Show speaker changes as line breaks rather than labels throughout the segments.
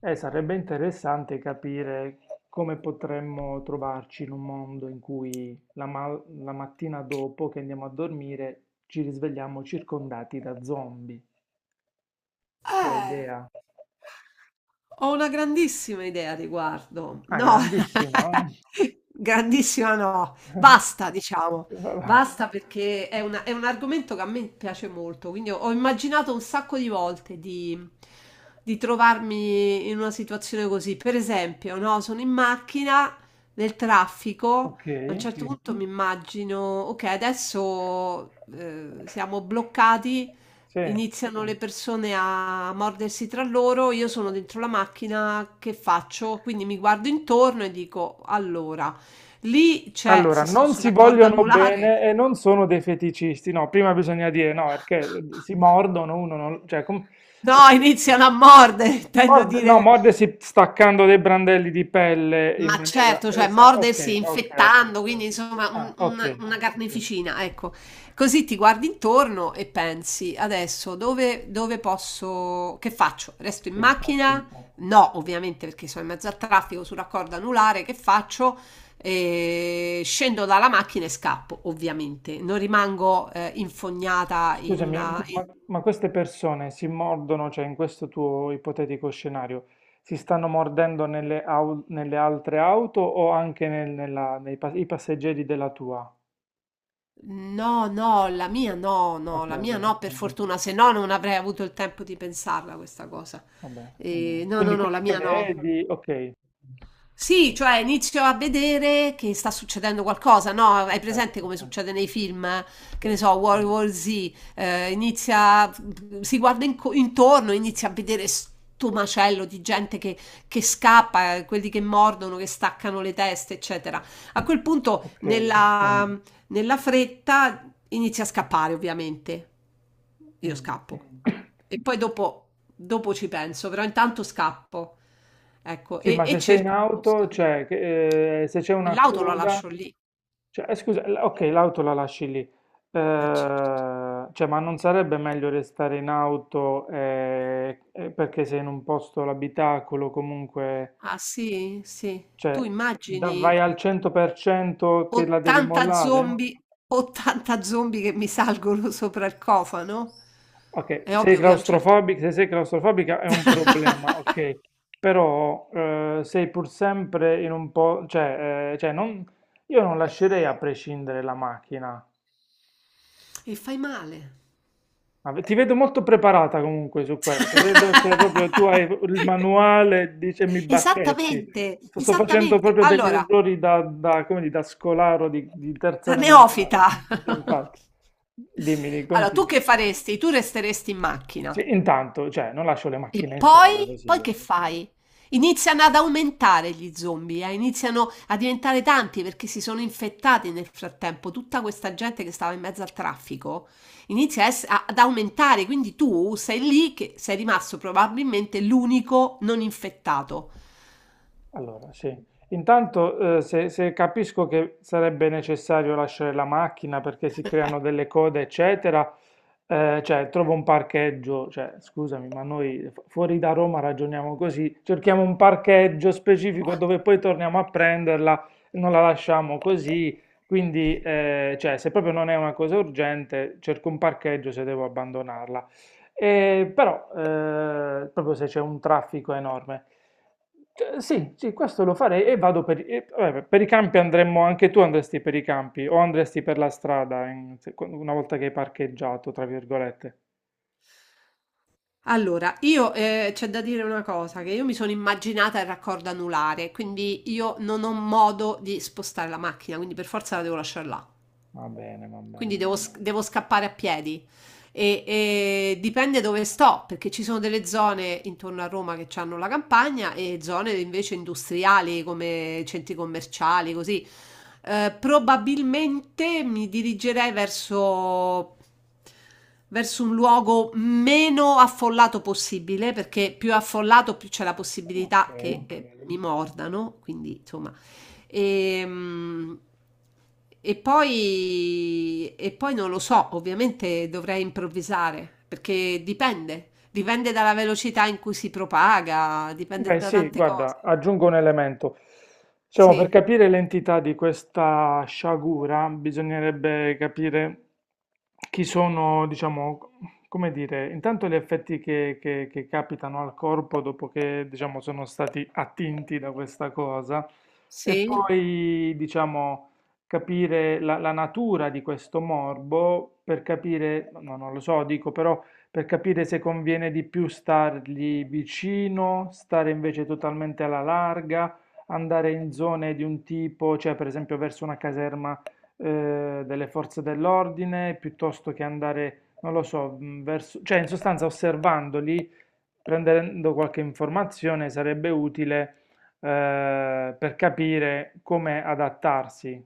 Sarebbe interessante capire come potremmo trovarci in un mondo in cui la mattina dopo che andiamo a dormire ci risvegliamo circondati da zombie. Tua
Eh.
idea?
Ho una grandissima idea a riguardo.
Ah,
No,
grandissima. Oh.
grandissima no. Basta, diciamo.
Vabbè,
Basta perché è un argomento che a me piace molto. Quindi ho immaginato un sacco di volte di trovarmi in una situazione così. Per esempio, no, sono in macchina nel traffico.
ok,
A un certo, sì, punto mi immagino, ok, adesso siamo bloccati.
sì.
Iniziano le persone a mordersi tra loro, io sono dentro la macchina, che faccio? Quindi mi guardo intorno e dico, allora, lì c'è,
Allora,
se sto
non si
sulla corda
vogliono
anulare,
bene e non sono dei feticisti. No, prima bisogna dire no, perché si mordono uno non... Cioè,
no,
ok.
iniziano a mordere, intendo
Morde, no,
dire,
mordersi staccando dei brandelli di pelle in
ma
maniera...
certo, cioè mordersi
ok, ok, ok.
infettando, quindi insomma
Ah,
un- una,
ok,
una carneficina, ecco. Così ti guardi intorno e pensi, adesso dove posso, che faccio? Resto in
sì, infatti.
macchina? No, ovviamente perché sono in mezzo al traffico sulla corda anulare, che faccio? Scendo dalla macchina e scappo, ovviamente. Non rimango infognata in
Scusami, ma,
una.
ma- ma queste persone si mordono, cioè in questo tuo ipotetico scenario, si stanno mordendo nelle altre auto o anche i passeggeri della tua?
No, no, la mia no, no,
Ok,
la mia
ok,
no, per fortuna, se no non avrei avuto il tempo di pensarla questa cosa.
va bene.
No, no,
Quindi
no, la
quelli che
mia no.
vedi, ok,
Sì, cioè inizio a vedere che sta succedendo qualcosa, no? Hai
perfetto,
presente come succede nei film, eh? Che
sì,
ne so, World War Z, inizia, si guarda intorno, inizia a vedere sto macello di gente che scappa, quelli che mordono, che staccano le teste, eccetera. A quel punto,
ok.
nella fretta, inizia a scappare, ovviamente. Io
Mm.
scappo. E poi dopo ci penso, però intanto scappo, ecco,
Sì,
e,
ma
e
se sei in
cerco un
auto,
posto.
cioè, se c'è
E
una
l'auto la
coda,
lascio lì.
cioè, scusa, ok, l'auto la lasci lì.
Certo.
Cioè, ma non sarebbe meglio restare in auto, perché sei in un posto, l'abitacolo, comunque,
Ah sì, sì. Tu
cioè,
immagini
vai al 100% che la devi
80
mollare?
zombie, 80 zombie che mi salgono sopra il cofano?
Ok,
È
se
ovvio che a un certo punto.
claustrofobica, se sei claustrofobica è un problema, ok, però sei pur sempre in un po', cioè, io non lascerei a prescindere la macchina.
E fai male.
Ma ti vedo molto preparata comunque su questo, vedo che proprio tu hai il manuale, dice mi bacchetti.
Esattamente,
Sto facendo
esattamente.
proprio degli
Allora,
errori come dire, da scolaro di terza
la
elementare.
neofita!
Sì, infatti, dimmi,
Allora, tu
continua.
che faresti? Tu resteresti in macchina.
Sì, intanto, cioè, non lascio le
E
macchine in strada
poi?
così
Poi
io.
che fai? Iniziano ad aumentare gli zombie, iniziano a diventare tanti perché si sono infettati nel frattempo. Tutta questa gente che stava in mezzo al traffico inizia a ad aumentare, quindi tu sei lì che sei rimasto probabilmente l'unico non infettato.
Allora, sì. Intanto, se capisco che sarebbe necessario lasciare la macchina perché si creano delle code, eccetera, cioè trovo un parcheggio, cioè scusami, ma noi fuori da Roma ragioniamo così, cerchiamo un parcheggio specifico dove poi torniamo a prenderla, non la lasciamo così, quindi cioè, se proprio non è una cosa urgente, cerco un parcheggio se devo abbandonarla. Però proprio se c'è un traffico enorme. Sì, sì, questo lo farei e vado per, vabbè, per i campi andremmo, anche tu andresti per i campi o andresti per la strada una volta che hai parcheggiato, tra virgolette.
Allora, io c'è da dire una cosa, che io mi sono immaginata il raccordo anulare, quindi io non ho modo di spostare la macchina, quindi per forza la devo lasciare là.
Va bene, va
Quindi
bene.
devo scappare a piedi. E dipende dove sto, perché ci sono delle zone intorno a Roma che hanno la campagna e zone invece industriali come centri commerciali, così. Probabilmente mi dirigerei verso, verso un luogo meno affollato possibile, perché più affollato più c'è la
Ok.
possibilità che mi mordano, quindi insomma. E, e poi non lo so, ovviamente dovrei improvvisare, perché dipende dalla velocità in cui si propaga, dipende
Beh,
da
sì,
tante cose.
guarda, aggiungo un elemento. Diciamo, per
Sì,
capire l'entità di questa sciagura bisognerebbe capire chi sono, diciamo, come dire, intanto gli effetti che capitano al corpo dopo che, diciamo, sono stati attinti da questa cosa e
sì.
poi, diciamo, capire la natura di questo morbo per capire, no, non lo so, dico però per capire se conviene di più stargli vicino, stare invece totalmente alla larga, andare in zone di un tipo, cioè per esempio verso una caserma delle forze dell'ordine, piuttosto che andare, non lo so, verso, cioè in sostanza osservandoli, prendendo qualche informazione sarebbe utile per capire come adattarsi.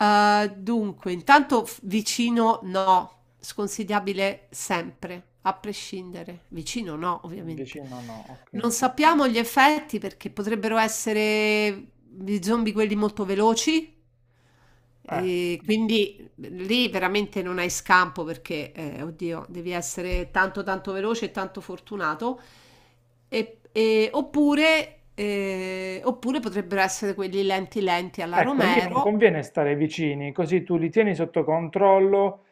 Dunque, intanto f vicino no, sconsigliabile sempre, a prescindere. Vicino no, ovviamente.
Vicino no, ok.
Non sappiamo gli effetti perché potrebbero essere gli zombie quelli molto veloci
Eh.
e quindi lì veramente non hai scampo perché, oddio, devi essere tanto tanto veloce e tanto fortunato. E oppure potrebbero essere quelli lenti lenti alla
Ecco, lì non
Romero.
conviene stare vicini, così tu li tieni sotto controllo,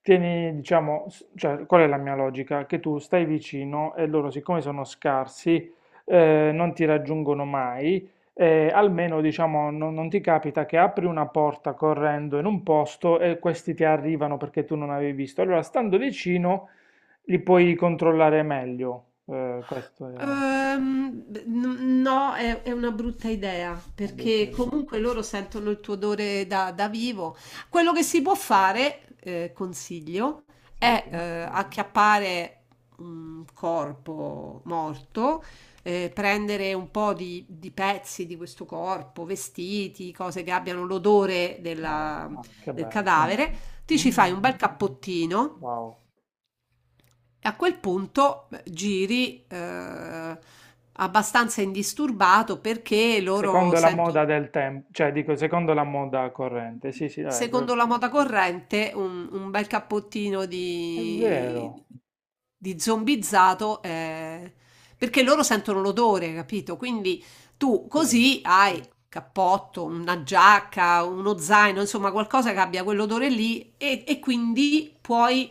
tieni, diciamo, cioè, qual è la mia logica? Che tu stai vicino e loro, siccome sono scarsi, non ti raggiungono mai, almeno, diciamo, non ti capita che apri una porta correndo in un posto e questi ti arrivano perché tu non avevi visto. Allora, stando vicino, li puoi controllare meglio. Questa era
B n no, è una brutta idea,
una brutta
perché
idea.
comunque loro sentono il tuo odore da vivo. Quello che si
Mm.
può fare, consiglio, è,
Sì.
acchiappare un corpo morto, prendere un po' di pezzi di questo corpo, vestiti, cose che abbiano l'odore
Ah,
della
che
del
bello.
cadavere, ti ci fai un
Mm,
bel cappottino
wow.
e a quel punto giri abbastanza indisturbato perché loro
Secondo la
sentono.
moda del tempo, cioè dico secondo la moda corrente, sì, sì, dai,
Secondo la moda corrente, un bel cappottino
è
di,
vero.
di zombizzato, perché loro sentono l'odore, capito? Quindi tu
Sì,
così hai cappotto, una giacca, uno zaino, insomma qualcosa che abbia quell'odore lì e quindi puoi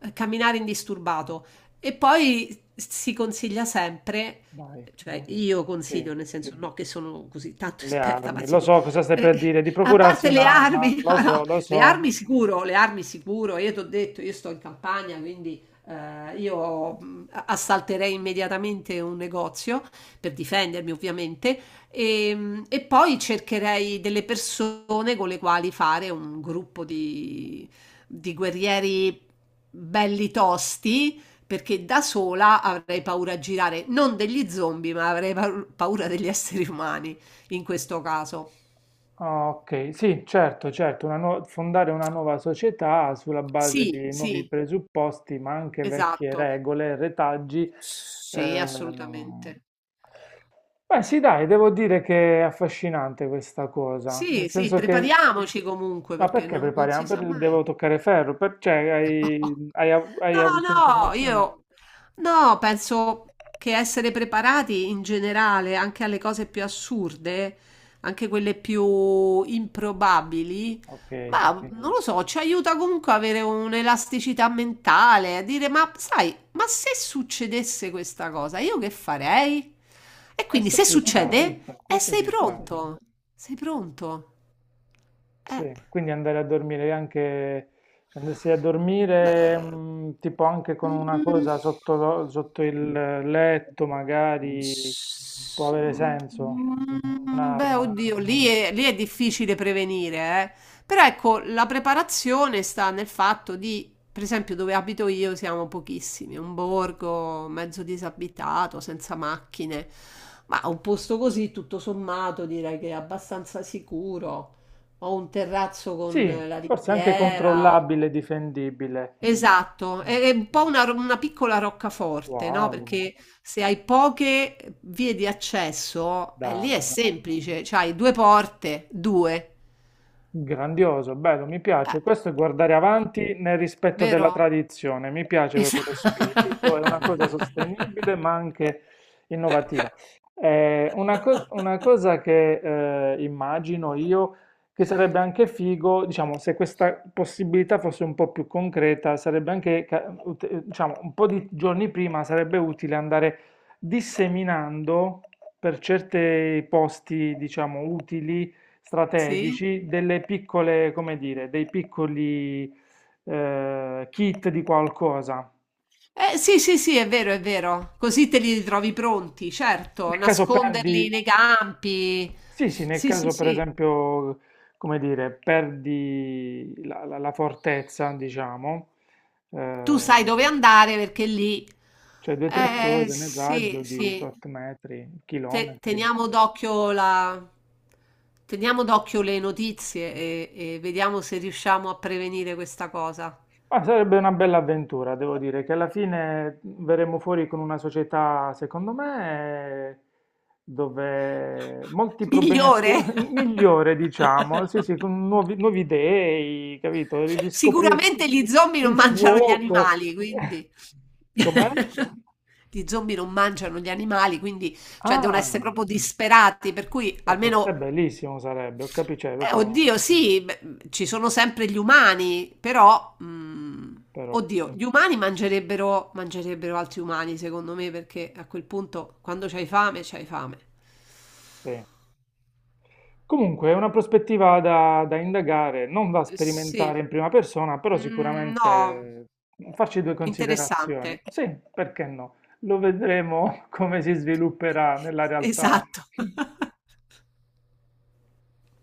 camminare indisturbato. E poi si consiglia sempre,
vai,
cioè io
sì,
consiglio, nel senso, no che sono così tanto
le
esperta, ma
armi, lo
insomma,
so cosa stai
eh,
per dire, di
a
procurarsi
parte le
un'arma,
armi,
lo
no, no,
so, lo so.
le armi sicuro, io ti ho detto, io sto in campagna, quindi io assalterei immediatamente un negozio per difendermi, ovviamente, e poi cercherei delle persone con le quali fare un gruppo di guerrieri belli tosti, perché da sola avrei paura a girare, non degli zombie, ma avrei paura degli esseri umani in questo caso.
Ah, ok, sì, certo, certo, fondare una nuova società sulla base
Sì,
di nuovi
sì,
presupposti, ma anche vecchie
esatto.
regole, retaggi.
Sì,
ehm,
assolutamente.
Beh, sì, dai, devo dire che è affascinante questa cosa, nel
Sì, sì,
senso che.
prepariamoci comunque
Ma
perché
perché
non si
prepariamo?
sa
Devo
mai.
toccare ferro? Cioè, hai avuto
No, no,
informazioni?
io no, penso che essere preparati in generale anche alle cose più assurde, anche quelle più improbabili,
Ok,
ma non lo so, ci aiuta comunque a avere un'elasticità mentale, a dire, ma sai, ma se succedesse questa cosa, io che farei? E quindi
questo
se
ci sta,
succede,
questo
sei
ci sta,
pronto, sei pronto. Eh.
sì. Quindi andare a dormire anche, cioè andresti a dormire
Beh,
tipo anche con una
mhmm.
cosa sotto, sotto il letto, magari può
S
avere
mhmm,
senso,
mhmm, beh,
un'arma.
oddio, lì è difficile prevenire, eh. Però ecco, la preparazione sta nel fatto di per esempio dove abito io siamo pochissimi, un borgo mezzo disabitato, senza macchine, ma un posto così tutto sommato direi che è abbastanza sicuro. Ho un terrazzo con
Sì,
la
forse anche
riviera.
controllabile, difendibile.
Esatto,
Mm,
è un po' una piccola roccaforte, no?
wow,
Perché se hai poche vie di accesso, lì è
dai.
semplice, cioè hai due porte, due.
Grandioso, bello, mi
Eh,
piace. Questo è guardare avanti nel rispetto della
vero?
tradizione. Mi piace proprio lo
Esatto.
spirito, è una cosa sostenibile ma anche innovativa. Una cosa che immagino io che sarebbe anche figo, diciamo, se questa possibilità fosse un po' più concreta, sarebbe anche, diciamo, un po' di giorni prima sarebbe utile andare disseminando per certi posti, diciamo, utili
Sì?
strategici, delle piccole, come dire, dei piccoli kit di qualcosa.
Sì, sì, sì, è vero, è vero. Così te li ritrovi pronti, certo,
Nel caso perdi,
nasconderli nei campi.
sì, sì, nel
Sì, sì,
caso per
sì.
esempio, come dire, perdi la fortezza, diciamo,
Tu
eh,
sai dove andare perché lì,
cioè due o tre
eh
cose nel
sì,
raggio di
sì,
tot metri, chilometri.
Teniamo d'occhio la, teniamo d'occhio le notizie e vediamo se riusciamo a prevenire questa cosa.
Ma sarebbe una bella avventura, devo dire, che alla fine verremo fuori con una società, secondo me, dove molti problemi
Migliore.
attuali, migliore, diciamo, sì, sì, con nuovi dei, capito? Riscoprire
Sicuramente gli zombie non
il
mangiano gli
fuoco,
animali, quindi
com'è?
gli zombie non mangiano gli animali, quindi cioè devono essere
Ah,
proprio disperati, per cui
beh, per te
almeno.
bellissimo sarebbe, ho capito, cioè,
Beh,
proprio,
oddio, sì, beh, ci sono sempre gli umani, però, mm,
però,
oddio, gli umani mangerebbero, mangerebbero altri umani, secondo me, perché a quel punto, quando c'hai fame, c'hai fame.
sì. Comunque è una prospettiva da indagare, non da sperimentare
Sì.
in prima persona, però
Mhmm, no.
sicuramente farci due
Interessante.
considerazioni. Sì, perché no? Lo vedremo come si svilupperà nella realtà.
Esatto.